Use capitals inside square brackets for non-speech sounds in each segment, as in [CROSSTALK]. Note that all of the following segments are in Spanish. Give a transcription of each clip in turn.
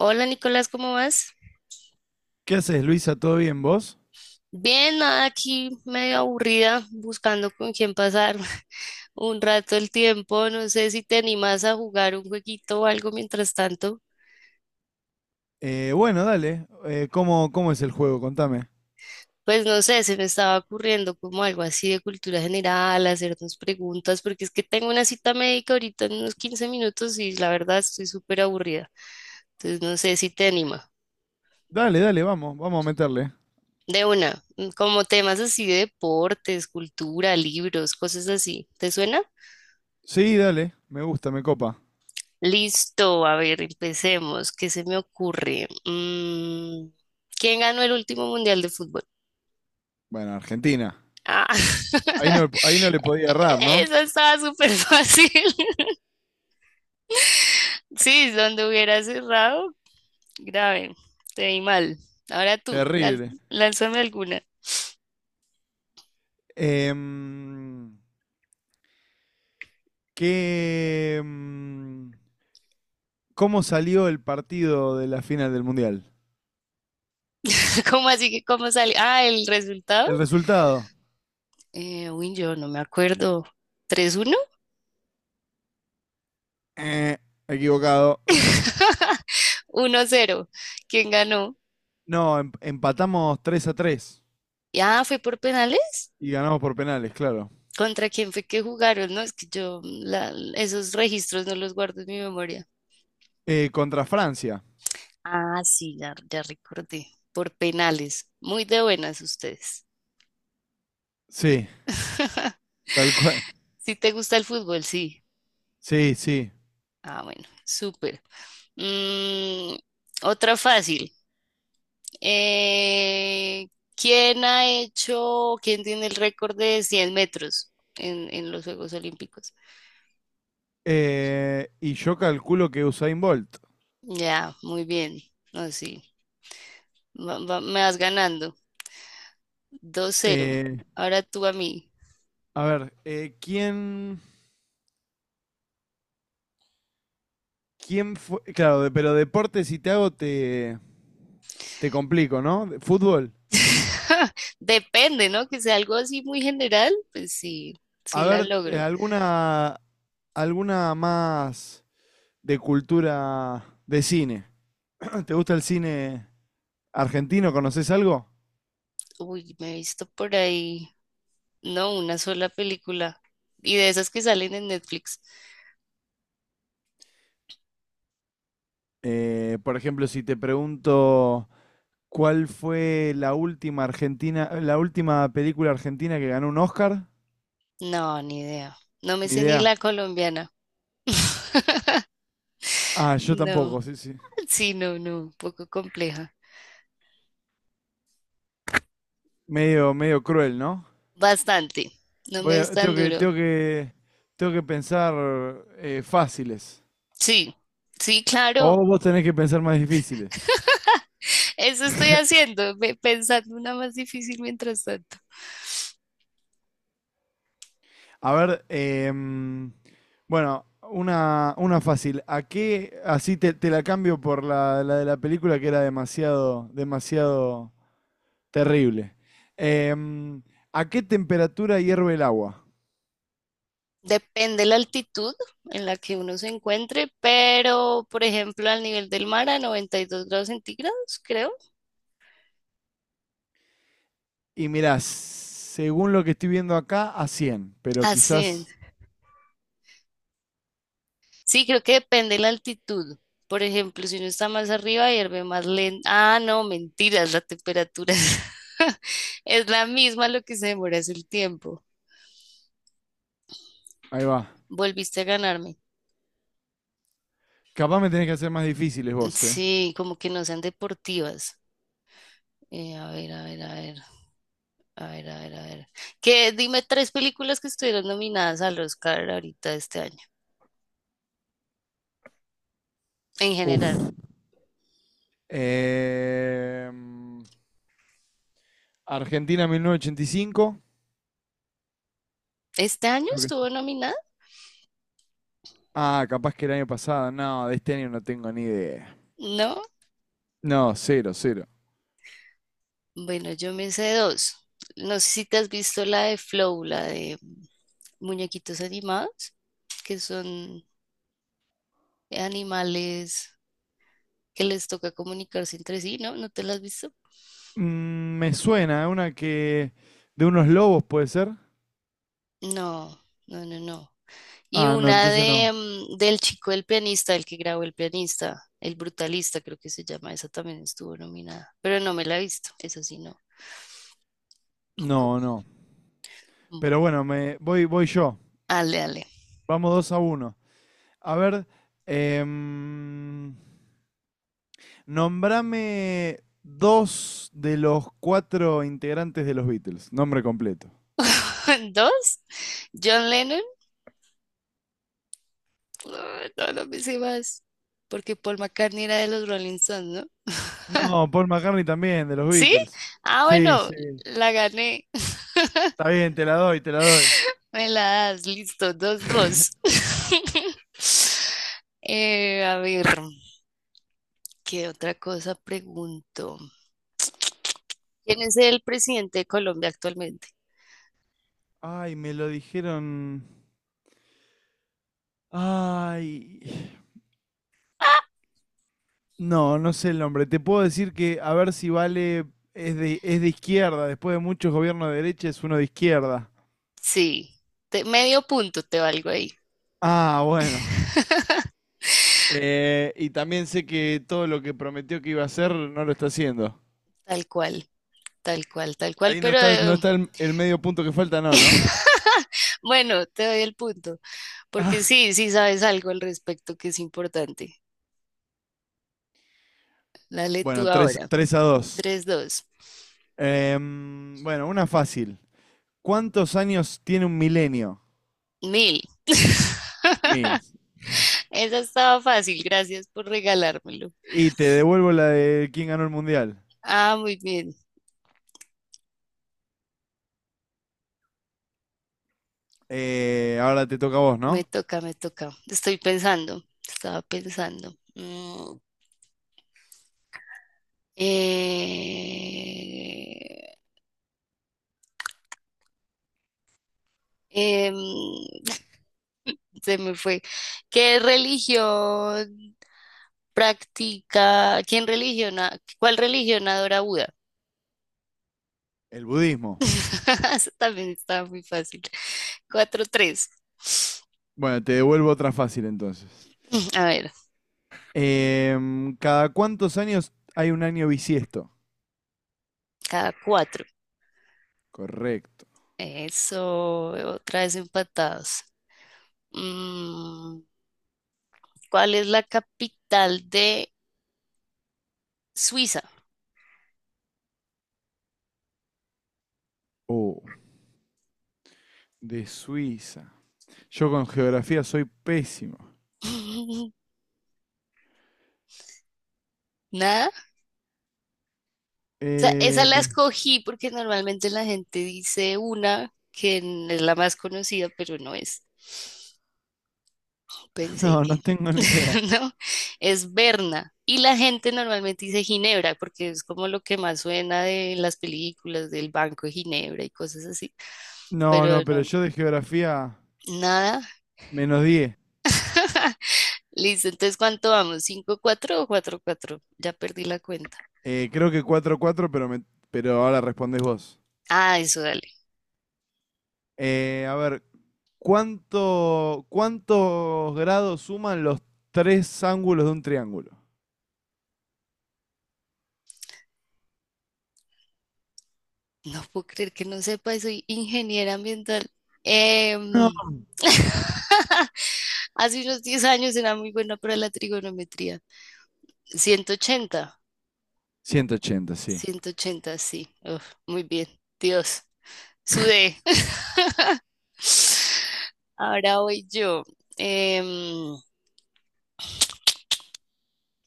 Hola Nicolás, ¿cómo vas? ¿Qué haces, Luisa? ¿Todo bien vos? Bien, nada, aquí medio aburrida, buscando con quién pasar [LAUGHS] un rato el tiempo. No sé si te animas a jugar un jueguito o algo mientras tanto. Bueno, dale. ¿Cómo es el juego? Contame. Pues no sé, se me estaba ocurriendo como algo así de cultura general, hacernos preguntas, porque es que tengo una cita médica ahorita en unos 15 minutos y la verdad estoy súper aburrida. Entonces no sé si te anima. Dale, dale, vamos, vamos a meterle. De una, como temas así de deportes, cultura, libros, cosas así. ¿Te suena? Sí, dale, me gusta, me copa. Listo, a ver, empecemos. ¿Qué se me ocurre? ¿Quién ganó el último mundial de fútbol? Bueno, Argentina. Ah, Ahí no, [LAUGHS] ahí no le podía errar, ¿no? eso estaba súper fácil. [LAUGHS] Sí, donde hubiera cerrado, grave, te vi mal. Ahora tú, Terrible. lánzame alguna. Em, ¿qué, em, ¿Cómo salió el partido de la final del Mundial? [LAUGHS] ¿Cómo así que cómo sale? Ah, el resultado. ¿El resultado? Uy, yo no me acuerdo. Tres uno. Eh, equivocado. [LAUGHS] Uno cero. ¿Quién ganó? No, empatamos 3-3 Ah, fue por penales. y ganamos por penales, claro. ¿Contra quién fue que jugaron? No, es que esos registros no los guardo en mi memoria. Contra Francia. Ah, sí, ya, ya recordé. Por penales. Muy de buenas ustedes. Sí. Tal cual. Si te gusta el fútbol, sí. Sí, sí. Ah, bueno, súper. Mm, otra fácil. Eh, ¿quién tiene el récord de 100 metros en los Juegos Olímpicos? Y yo calculo que Usain Bolt. Ya, muy bien. No, sí. Me vas ganando. Dos cero. Eh, Ahora tú a mí. a ver, ¿quién fue? Claro, pero deporte si te hago te complico, ¿no? Fútbol. [LAUGHS] Depende, ¿no? Que sea algo así muy general, pues sí, sí A la ver, eh, logro. alguna, alguna más de cultura de cine. [CLEARS THROAT] ¿Te gusta el cine argentino? ¿Conoces algo? Uy, me he visto por ahí, no, una sola película. Y de esas que salen en Netflix. Por ejemplo, si te pregunto cuál fue la última película argentina que ganó un Oscar. No, ni idea. No me Ni sé ni idea. la colombiana. [LAUGHS] Ah, yo No, tampoco, sí, sí. sí, no, no, un poco compleja. Medio, medio cruel, ¿no? Bastante. No me es tan Tengo que, duro. tengo que pensar fáciles. Sí, sí, O claro. vos tenés que pensar más difíciles. [LAUGHS] Eso estoy haciendo, pensando una más difícil mientras tanto. A ver, bueno, una fácil. ¿A qué? Así te la cambio por la de la película que era demasiado, demasiado terrible. Em, ¿A qué temperatura hierve el agua? Depende la altitud en la que uno se encuentre, pero por ejemplo al nivel del mar a 92 grados centígrados, creo. Y mirá, según lo que estoy viendo acá, a 100 pero A 100. quizás... Sí, creo que depende la altitud. Por ejemplo, si uno está más arriba, hierve más lento. Ah, no, mentiras, la temperatura es, [LAUGHS] es la misma, lo que se demora es el tiempo. Ahí va. Volviste a ganarme. Capaz me tenés que hacer más difíciles vos, ¿eh? Sí, como que no sean deportivas. A ver, a ver, a ver, a ver, a ver, a ver. ¿Qué? Dime tres películas que estuvieron nominadas al Oscar ahorita este año. En Uf. general. Em, Argentina 1985. ¿Este año Creo estuvo que- nominada? Ah, capaz que el año pasado. No, de este año no tengo ni idea. No. No, cero, cero. Bueno, yo me sé dos. No sé si te has visto la de Flow, la de muñequitos animados, que son animales que les toca comunicarse entre sí, ¿no? ¿No te la has visto? Me suena, ¿eh? Una que... De unos lobos, ¿puede ser? No, no, no, no. Y Ah, no, una entonces no. de del chico del pianista, el que grabó el pianista, el brutalista, creo que se llama, esa también estuvo nominada, pero no me la he visto, eso sí, no. Co- No, no. mm. Pero bueno, voy yo. Ale, ale. Vamos 2-1. A ver, em, Nombrame dos de los cuatro integrantes de los Beatles, nombre completo. [LAUGHS] Dos, John Lennon. Ay, todas las veces más. Porque Paul McCartney era de los Rolling Stones, ¿no? No, Paul McCartney también, de los ¿Sí? Beatles. Ah, Sí, bueno, sí. la gané. Está bien, te la doy, te la doy. Me la das, listo, dos, dos. [LAUGHS] A ver, ¿qué otra cosa pregunto? ¿Quién es el presidente de Colombia actualmente? Ay, me lo dijeron. Ay. Ah, No, no sé el nombre. Te puedo decir que a ver si vale. Es de izquierda. Después de muchos gobiernos de derecha, es uno de izquierda. sí, medio punto te valgo ahí. Ah, bueno. [LAUGHS] Y también sé que todo lo que prometió que iba a hacer no lo está haciendo. Tal cual, tal cual, tal cual, Ahí no pero está, no está el medio punto que falta, no, ¿no? [LAUGHS] bueno, te doy el punto. Porque sí, sí sabes algo al respecto que es importante. Dale tú Bueno, tres ahora. a dos. Tres, dos, Bueno, una fácil. ¿Cuántos años tiene un milenio? mil. 1000. [LAUGHS] Esa estaba fácil, gracias por regalármelo. Y te devuelvo la de quién ganó el mundial. Ah, muy bien. Ahora te toca a vos, Me ¿no? toca, me toca. Estoy pensando, estaba pensando. Eh, em, [LAUGHS] se me fue. ¿Qué religión practica? ¿Quién religiona? ¿Cuál religión adora Buda? El budismo. [LAUGHS] Eso también estaba muy fácil. Cuatro tres. [SNIFFS] Bueno, te devuelvo otra fácil entonces. A ver, ¿Cada cuántos años hay un año bisiesto? cada cuatro. Correcto. Eso, otra vez empatados. Mm, ¿Cuál es la capital de Suiza? Oh, de Suiza. Yo con geografía soy pésimo. [LAUGHS] Nada. O sea, esa Eh, la escogí porque normalmente la gente dice una que es la más conocida, pero no es. [LAUGHS] Pensé no, que, no tengo ni idea. [LAUGHS] ¿no? Es Berna. Y la gente normalmente dice Ginebra, porque es como lo que más suena de las películas del Banco de Ginebra y cosas así. No, Pero no, pero no, yo de geografía nada. -10. Listo, entonces, ¿cuánto vamos? Cinco 4 o 4 cuatro. Ya perdí la cuenta. Creo que 4-4, pero ahora respondés vos. Ah, eso, dale. A ver, ¿cuántos grados suman los tres ángulos de un triángulo? No puedo creer que no sepa, soy ingeniera ambiental. No. Em, [LAUGHS] Hace unos 10 años era muy buena para la trigonometría. Ciento ochenta. 180, sí. 180, sí. Uf, muy bien. Dios, sudé. [LAUGHS] Ahora voy yo. Em,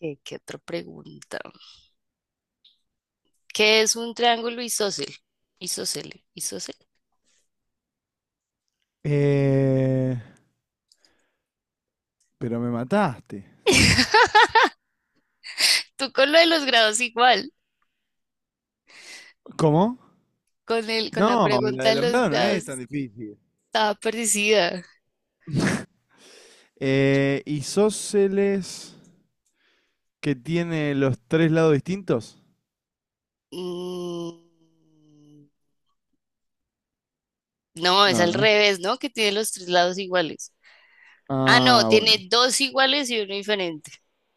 ¿qué otra pregunta? ¿Qué es un triángulo isósceles? Isósceles, isósceles. Eh, pero me mataste. [LAUGHS] Tú con lo de los grados igual. ¿Cómo? Con la No, la pregunta de de los los grados no grados es tan difícil. estaba parecida. ¿Isósceles que tiene los tres lados distintos? Mm, no, es No, al no. revés, ¿no? Que tiene los tres lados iguales. Ah, no, Ah, bueno. tiene dos iguales y uno diferente.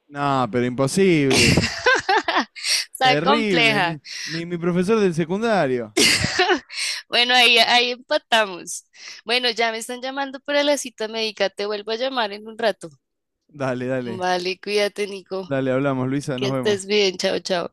No, pero imposible. [LAUGHS] Está Terrible, compleja. ni mi profesor del secundario. [LAUGHS] Bueno, ahí, ahí empatamos. Bueno, ya me están llamando para la cita médica. Te vuelvo a llamar en un rato. Dale, dale, Vale, cuídate, Nico. dale, hablamos, Luisa, Que nos estés vemos. bien. Chao, chao.